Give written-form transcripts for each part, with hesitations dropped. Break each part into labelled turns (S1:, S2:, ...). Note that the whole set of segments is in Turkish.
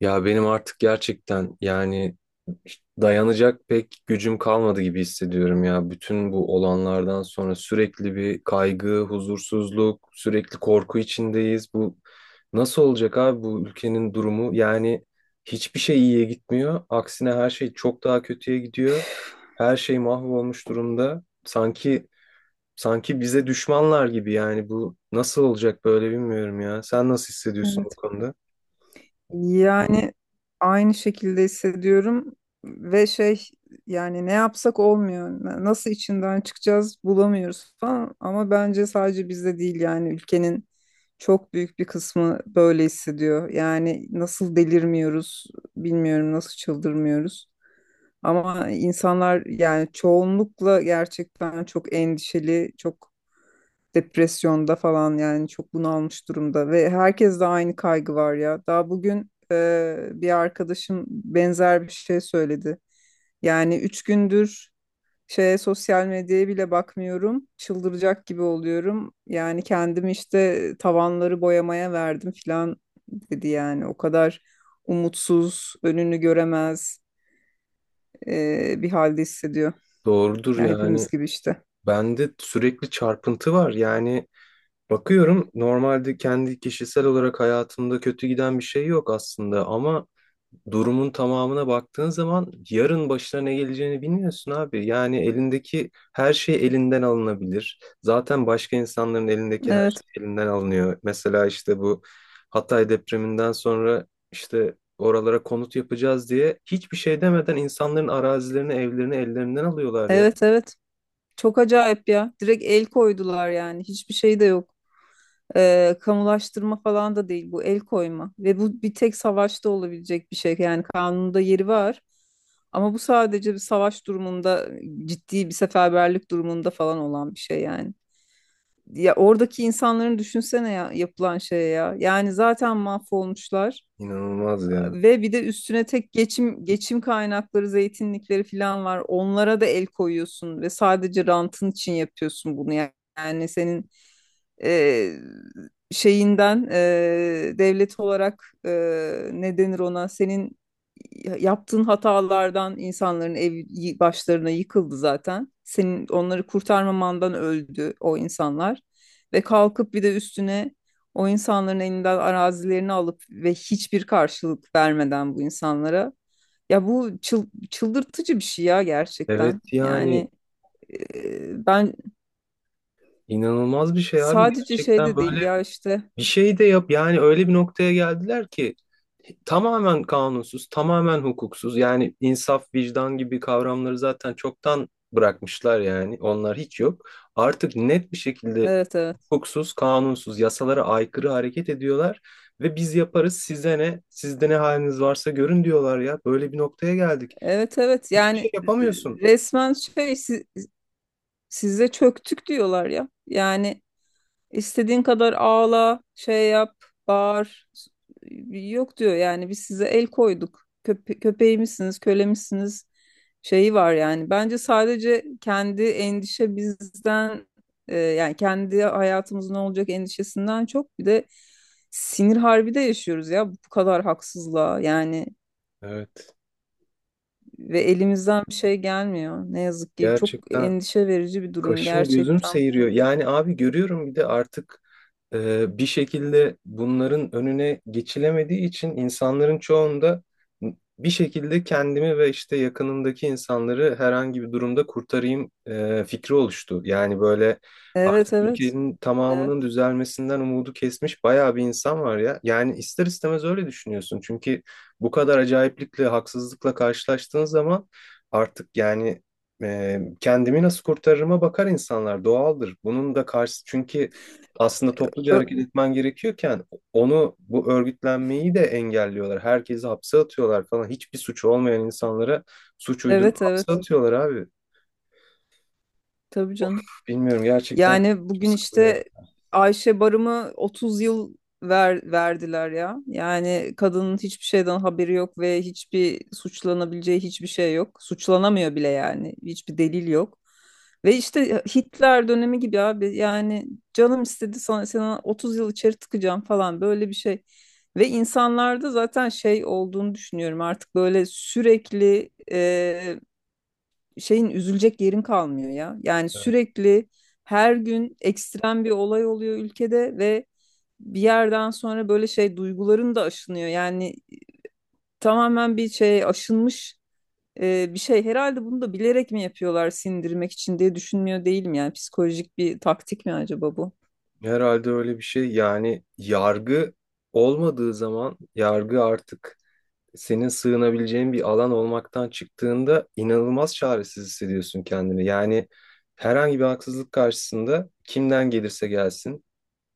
S1: Ya benim artık gerçekten yani dayanacak pek gücüm kalmadı gibi hissediyorum ya. Bütün bu olanlardan sonra sürekli bir kaygı, huzursuzluk, sürekli korku içindeyiz. Bu nasıl olacak abi bu ülkenin durumu? Yani hiçbir şey iyiye gitmiyor. Aksine her şey çok daha kötüye gidiyor. Her şey mahvolmuş durumda. Sanki bize düşmanlar gibi yani bu nasıl olacak böyle bilmiyorum ya. Sen nasıl hissediyorsun bu
S2: Evet.
S1: konuda?
S2: Yani aynı şekilde hissediyorum ve şey yani ne yapsak olmuyor. Nasıl içinden çıkacağız bulamıyoruz falan ama bence sadece bizde değil yani ülkenin çok büyük bir kısmı böyle hissediyor. Yani nasıl delirmiyoruz bilmiyorum nasıl çıldırmıyoruz. Ama insanlar yani çoğunlukla gerçekten çok endişeli, çok depresyonda falan yani çok bunalmış durumda ve herkes de aynı kaygı var ya. Daha bugün bir arkadaşım benzer bir şey söyledi. Yani 3 gündür şeye sosyal medyaya bile bakmıyorum. Çıldıracak gibi oluyorum. Yani kendimi işte tavanları boyamaya verdim falan dedi yani. O kadar umutsuz, önünü göremez bir halde hissediyor.
S1: Doğrudur
S2: Ya
S1: yani.
S2: hepimiz gibi işte.
S1: Bende sürekli çarpıntı var. Yani bakıyorum normalde kendi kişisel olarak hayatımda kötü giden bir şey yok aslında ama durumun tamamına baktığın zaman yarın başına ne geleceğini bilmiyorsun abi. Yani elindeki her şey elinden alınabilir. Zaten başka insanların elindeki her
S2: Evet,
S1: şey elinden alınıyor. Mesela işte bu Hatay depreminden sonra işte oralara konut yapacağız diye hiçbir şey demeden insanların arazilerini, evlerini ellerinden alıyorlar ya.
S2: evet, evet. Çok acayip ya. Direkt el koydular yani. Hiçbir şey de yok. Kamulaştırma falan da değil bu el koyma. Ve bu bir tek savaşta olabilecek bir şey. Yani kanunda yeri var. Ama bu sadece bir savaş durumunda, ciddi bir seferberlik durumunda falan olan bir şey yani. Ya oradaki insanların düşünsene ya yapılan şeye ya. Yani zaten mahvolmuşlar
S1: İnanılmaz ya.
S2: ve bir de üstüne tek geçim kaynakları, zeytinlikleri falan var. Onlara da el koyuyorsun ve sadece rantın için yapıyorsun bunu. Yani senin e, şeyinden devlet olarak ne denir ona? Senin yaptığın hatalardan insanların ev başlarına yıkıldı zaten. Senin onları kurtarmamandan öldü o insanlar. Ve kalkıp bir de üstüne o insanların elinden arazilerini alıp ve hiçbir karşılık vermeden bu insanlara. Ya bu çıldırtıcı bir şey ya gerçekten.
S1: Evet yani
S2: Yani ben
S1: inanılmaz bir şey abi
S2: sadece şey
S1: gerçekten
S2: de
S1: böyle
S2: değil ya işte.
S1: bir şey de yap yani öyle bir noktaya geldiler ki tamamen kanunsuz, tamamen hukuksuz. Yani insaf, vicdan gibi kavramları zaten çoktan bırakmışlar, yani onlar hiç yok artık. Net bir şekilde
S2: Evet, evet.
S1: hukuksuz, kanunsuz, yasalara aykırı hareket ediyorlar ve biz yaparız, size ne, sizde ne haliniz varsa görün diyorlar ya. Böyle bir noktaya geldik,
S2: Evet, evet.
S1: hiçbir
S2: Yani
S1: şey yapamıyorsun.
S2: resmen şey size çöktük diyorlar ya. Yani İstediğin kadar ağla, şey yap, bağır. Yok diyor yani biz size el koyduk. Köpeğimizsiniz, kölemizsiniz şeyi var yani. Bence sadece kendi endişe bizden yani kendi hayatımızın ne olacak endişesinden çok bir de sinir harbi de yaşıyoruz ya bu kadar haksızlığa yani
S1: Evet,
S2: ve elimizden bir şey gelmiyor. Ne yazık ki çok
S1: gerçekten.
S2: endişe verici bir durum
S1: Kaşım gözüm
S2: gerçekten
S1: seyiriyor.
S2: bu.
S1: Yani abi görüyorum, bir de artık bir şekilde bunların önüne geçilemediği için insanların çoğunda bir şekilde kendimi ve işte yakınımdaki insanları herhangi bir durumda kurtarayım fikri oluştu. Yani böyle
S2: Evet,
S1: artık
S2: evet.
S1: ülkenin tamamının
S2: Evet.
S1: düzelmesinden umudu kesmiş bayağı bir insan var ya. Yani ister istemez öyle düşünüyorsun. Çünkü bu kadar acayiplikle, haksızlıkla karşılaştığın zaman artık yani kendimi nasıl kurtarırıma bakar insanlar, doğaldır. Bunun da karşı, çünkü aslında topluca
S2: Ö-
S1: hareket etmen gerekiyorken onu, bu örgütlenmeyi de engelliyorlar. Herkesi hapse atıyorlar falan. Hiçbir suçu olmayan insanlara suç uydurup
S2: Evet
S1: hapse
S2: evet.
S1: atıyorlar abi.
S2: Tabii canım.
S1: Bilmiyorum gerçekten,
S2: Yani
S1: içim
S2: bugün
S1: sıkılıyor ya.
S2: işte Ayşe Barım'ı 30 yıl verdiler ya. Yani kadının hiçbir şeyden haberi yok ve hiçbir suçlanabileceği hiçbir şey yok. Suçlanamıyor bile yani. Hiçbir delil yok. Ve işte Hitler dönemi gibi abi. Yani canım istedi sana, sana 30 yıl içeri tıkacağım falan böyle bir şey. Ve insanlarda zaten şey olduğunu düşünüyorum artık böyle sürekli şeyin üzülecek yerin kalmıyor ya. Yani sürekli her gün ekstrem bir olay oluyor ülkede ve bir yerden sonra böyle şey duyguların da aşınıyor. Yani tamamen bir şey aşınmış bir şey. Herhalde bunu da bilerek mi yapıyorlar sindirmek için diye düşünmüyor değilim. Yani psikolojik bir taktik mi acaba bu?
S1: Herhalde öyle bir şey. Yani yargı olmadığı zaman, yargı artık senin sığınabileceğin bir alan olmaktan çıktığında inanılmaz çaresiz hissediyorsun kendini. Yani herhangi bir haksızlık karşısında, kimden gelirse gelsin,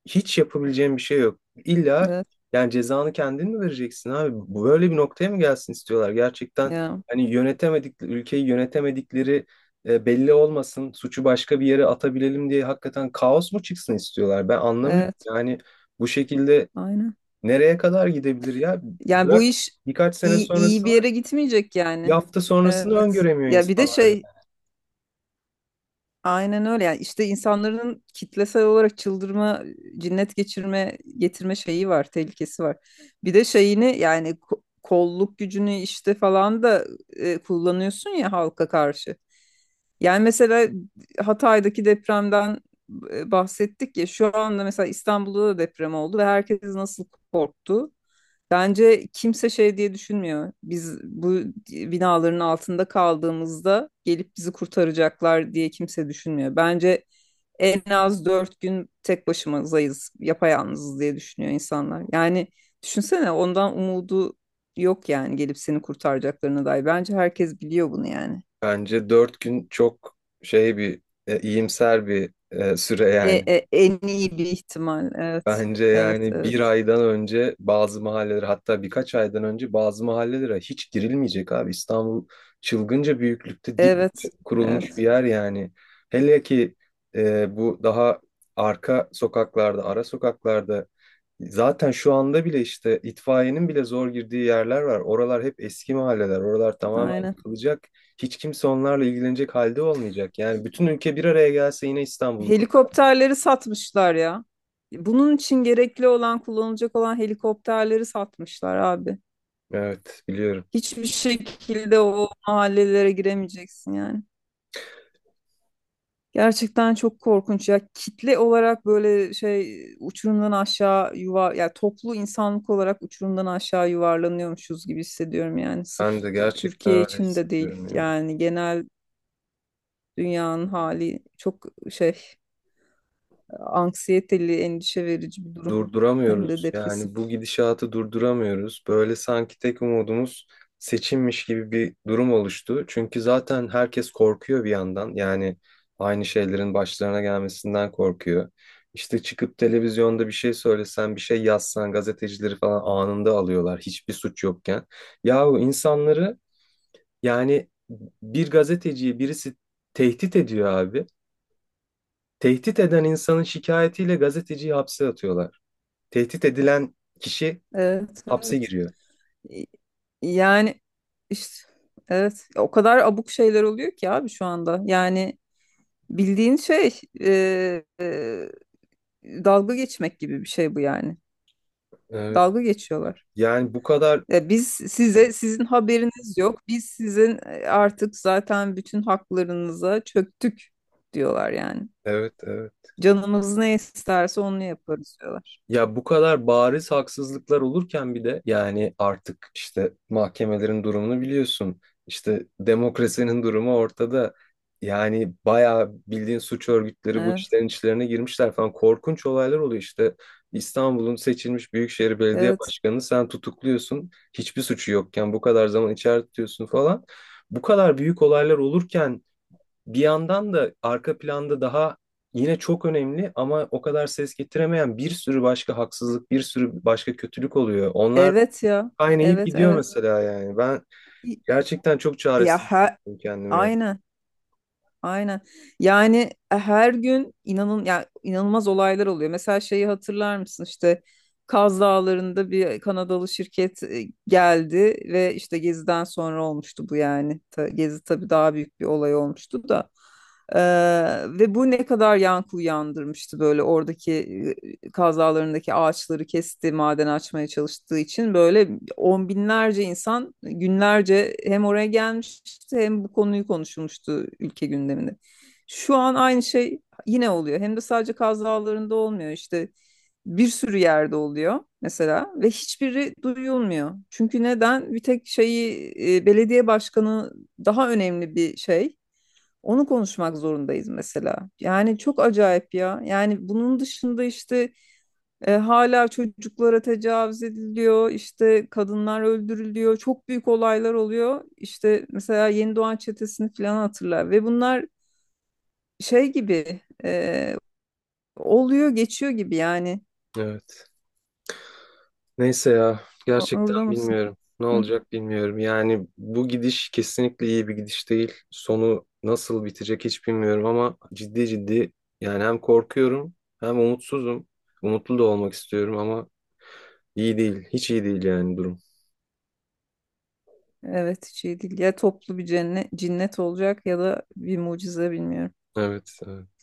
S1: hiç yapabileceğin bir şey yok. İlla
S2: Evet.
S1: yani cezanı kendin mi vereceksin abi? Böyle bir noktaya mı gelsin istiyorlar? Gerçekten
S2: Ya,
S1: hani yönetemedik ülkeyi, yönetemedikleri belli olmasın, suçu başka bir yere atabilelim diye hakikaten kaos mu çıksın istiyorlar? Ben anlamıyorum.
S2: evet.
S1: Yani bu şekilde
S2: Aynen.
S1: nereye kadar gidebilir ya?
S2: Yani bu
S1: Bırak
S2: iş
S1: birkaç sene
S2: iyi bir
S1: sonrasını,
S2: yere gitmeyecek
S1: bir
S2: yani.
S1: hafta sonrasını
S2: Evet.
S1: öngöremiyor
S2: Ya bir de
S1: insanlar ya.
S2: şey aynen öyle yani işte insanların kitlesel olarak çıldırma, cinnet geçirme, getirme şeyi var, tehlikesi var. Bir de şeyini yani kolluk gücünü işte falan da kullanıyorsun ya halka karşı. Yani mesela Hatay'daki depremden bahsettik ya şu anda mesela İstanbul'da da deprem oldu ve herkes nasıl korktu. Bence kimse şey diye düşünmüyor. Biz bu binaların altında kaldığımızda gelip bizi kurtaracaklar diye kimse düşünmüyor. Bence en az 4 gün tek başımızayız, yapayalnızız diye düşünüyor insanlar. Yani düşünsene ondan umudu yok yani gelip seni kurtaracaklarına dair. Bence herkes biliyor bunu yani.
S1: Bence 4 gün çok şey bir iyimser bir süre
S2: E,
S1: yani.
S2: e, en iyi bir ihtimal. Evet,
S1: Bence
S2: evet,
S1: yani bir
S2: evet.
S1: aydan önce bazı mahallelere, hatta birkaç aydan önce bazı mahallelere hiç girilmeyecek abi. İstanbul çılgınca büyüklükte dip
S2: Evet,
S1: kurulmuş bir
S2: evet.
S1: yer yani. Hele ki bu daha arka sokaklarda, ara sokaklarda zaten şu anda bile işte itfaiyenin bile zor girdiği yerler var. Oralar hep eski mahalleler. Oralar tamamen
S2: Aynen.
S1: yıkılacak. Hiç kimse onlarla ilgilenecek halde olmayacak. Yani bütün ülke bir araya gelse yine İstanbul'u.
S2: Helikopterleri satmışlar ya. Bunun için gerekli olan, kullanılacak olan helikopterleri satmışlar abi.
S1: Evet, biliyorum.
S2: Hiçbir şekilde o mahallelere giremeyeceksin yani. Gerçekten çok korkunç ya. Kitle olarak böyle şey uçurumdan aşağı yuvar ya toplu insanlık olarak uçurumdan aşağı yuvarlanıyormuşuz gibi hissediyorum yani. Sırf
S1: Ben de gerçekten
S2: Türkiye
S1: öyle
S2: için de değil
S1: hissediyorum ya.
S2: yani genel dünyanın hali çok şey anksiyeteli, endişe verici bir durum. Hem de
S1: Durduramıyoruz.
S2: depresif.
S1: Yani bu gidişatı durduramıyoruz. Böyle sanki tek umudumuz seçimmiş gibi bir durum oluştu. Çünkü zaten herkes korkuyor bir yandan. Yani aynı şeylerin başlarına gelmesinden korkuyor. İşte çıkıp televizyonda bir şey söylesen, bir şey yazsan gazetecileri falan anında alıyorlar, hiçbir suç yokken. Yahu insanları, yani bir gazeteciyi birisi tehdit ediyor abi. Tehdit eden insanın şikayetiyle gazeteciyi hapse atıyorlar. Tehdit edilen kişi
S2: Evet,
S1: hapse
S2: evet.
S1: giriyor.
S2: Y- Yani işte evet o kadar abuk şeyler oluyor ki abi şu anda. Yani bildiğin şey dalga geçmek gibi bir şey bu yani.
S1: Evet.
S2: Dalga geçiyorlar.
S1: Yani bu kadar,
S2: Ya biz size sizin haberiniz yok. Biz sizin artık zaten bütün haklarınıza çöktük diyorlar yani.
S1: evet, evet.
S2: Canımız ne isterse onu yaparız diyorlar.
S1: Ya bu kadar bariz haksızlıklar olurken bir de yani artık işte mahkemelerin durumunu biliyorsun. İşte demokrasinin durumu ortada. Yani bayağı bildiğin suç örgütleri bu
S2: Evet,
S1: işlerin içlerine girmişler falan. Korkunç olaylar oluyor işte. İstanbul'un seçilmiş Büyükşehir Belediye
S2: evet.
S1: Başkanı, sen tutukluyorsun. Hiçbir suçu yokken bu kadar zaman içeride tutuyorsun falan. Bu kadar büyük olaylar olurken bir yandan da arka planda daha, yine çok önemli ama o kadar ses getiremeyen bir sürü başka haksızlık, bir sürü başka kötülük oluyor. Onlar
S2: Evet ya.
S1: kaynayıp
S2: Evet,
S1: gidiyor
S2: evet.
S1: mesela yani. Ben gerçekten çok
S2: Ya
S1: çaresiz
S2: her,
S1: hissediyorum kendimi ya.
S2: aynen, aynen. Yani her gün inanın ya inanılmaz olaylar oluyor. Mesela şeyi hatırlar mısın? İşte Kaz Dağları'nda bir Kanadalı şirket geldi ve işte Gezi'den sonra olmuştu bu yani. Gezi tabii daha büyük bir olay olmuştu da. Ee, ve bu ne kadar yankı uyandırmıştı böyle oradaki e, kazalarındaki ağaçları kesti, maden açmaya çalıştığı için böyle on binlerce insan günlerce hem oraya gelmişti hem bu konuyu konuşulmuştu ülke gündeminde. Şu an aynı şey yine oluyor. Hem de sadece Kaz Dağları'nda olmuyor işte bir sürü yerde oluyor mesela ve hiçbiri duyulmuyor. Çünkü neden? Bir tek şeyi belediye başkanı daha önemli bir şey. Onu konuşmak zorundayız mesela. Yani çok acayip ya. Yani bunun dışında işte hala çocuklara tecavüz ediliyor, işte kadınlar öldürülüyor, çok büyük olaylar oluyor. İşte mesela Yeni Doğan Çetesi'ni falan hatırlar ve bunlar şey gibi oluyor, geçiyor gibi yani.
S1: Evet. Neyse ya,
S2: O-
S1: gerçekten
S2: Orada mısın?
S1: bilmiyorum. Ne
S2: Hı.
S1: olacak bilmiyorum. Yani bu gidiş kesinlikle iyi bir gidiş değil. Sonu nasıl bitecek hiç bilmiyorum ama ciddi ciddi yani hem korkuyorum hem umutsuzum. Umutlu da olmak istiyorum ama İyi değil. Hiç iyi değil yani durum.
S2: Evet, hiç iyi değil. Ya toplu bir cennet, cinnet olacak ya da bir mucize bilmiyorum.
S1: Evet, evet.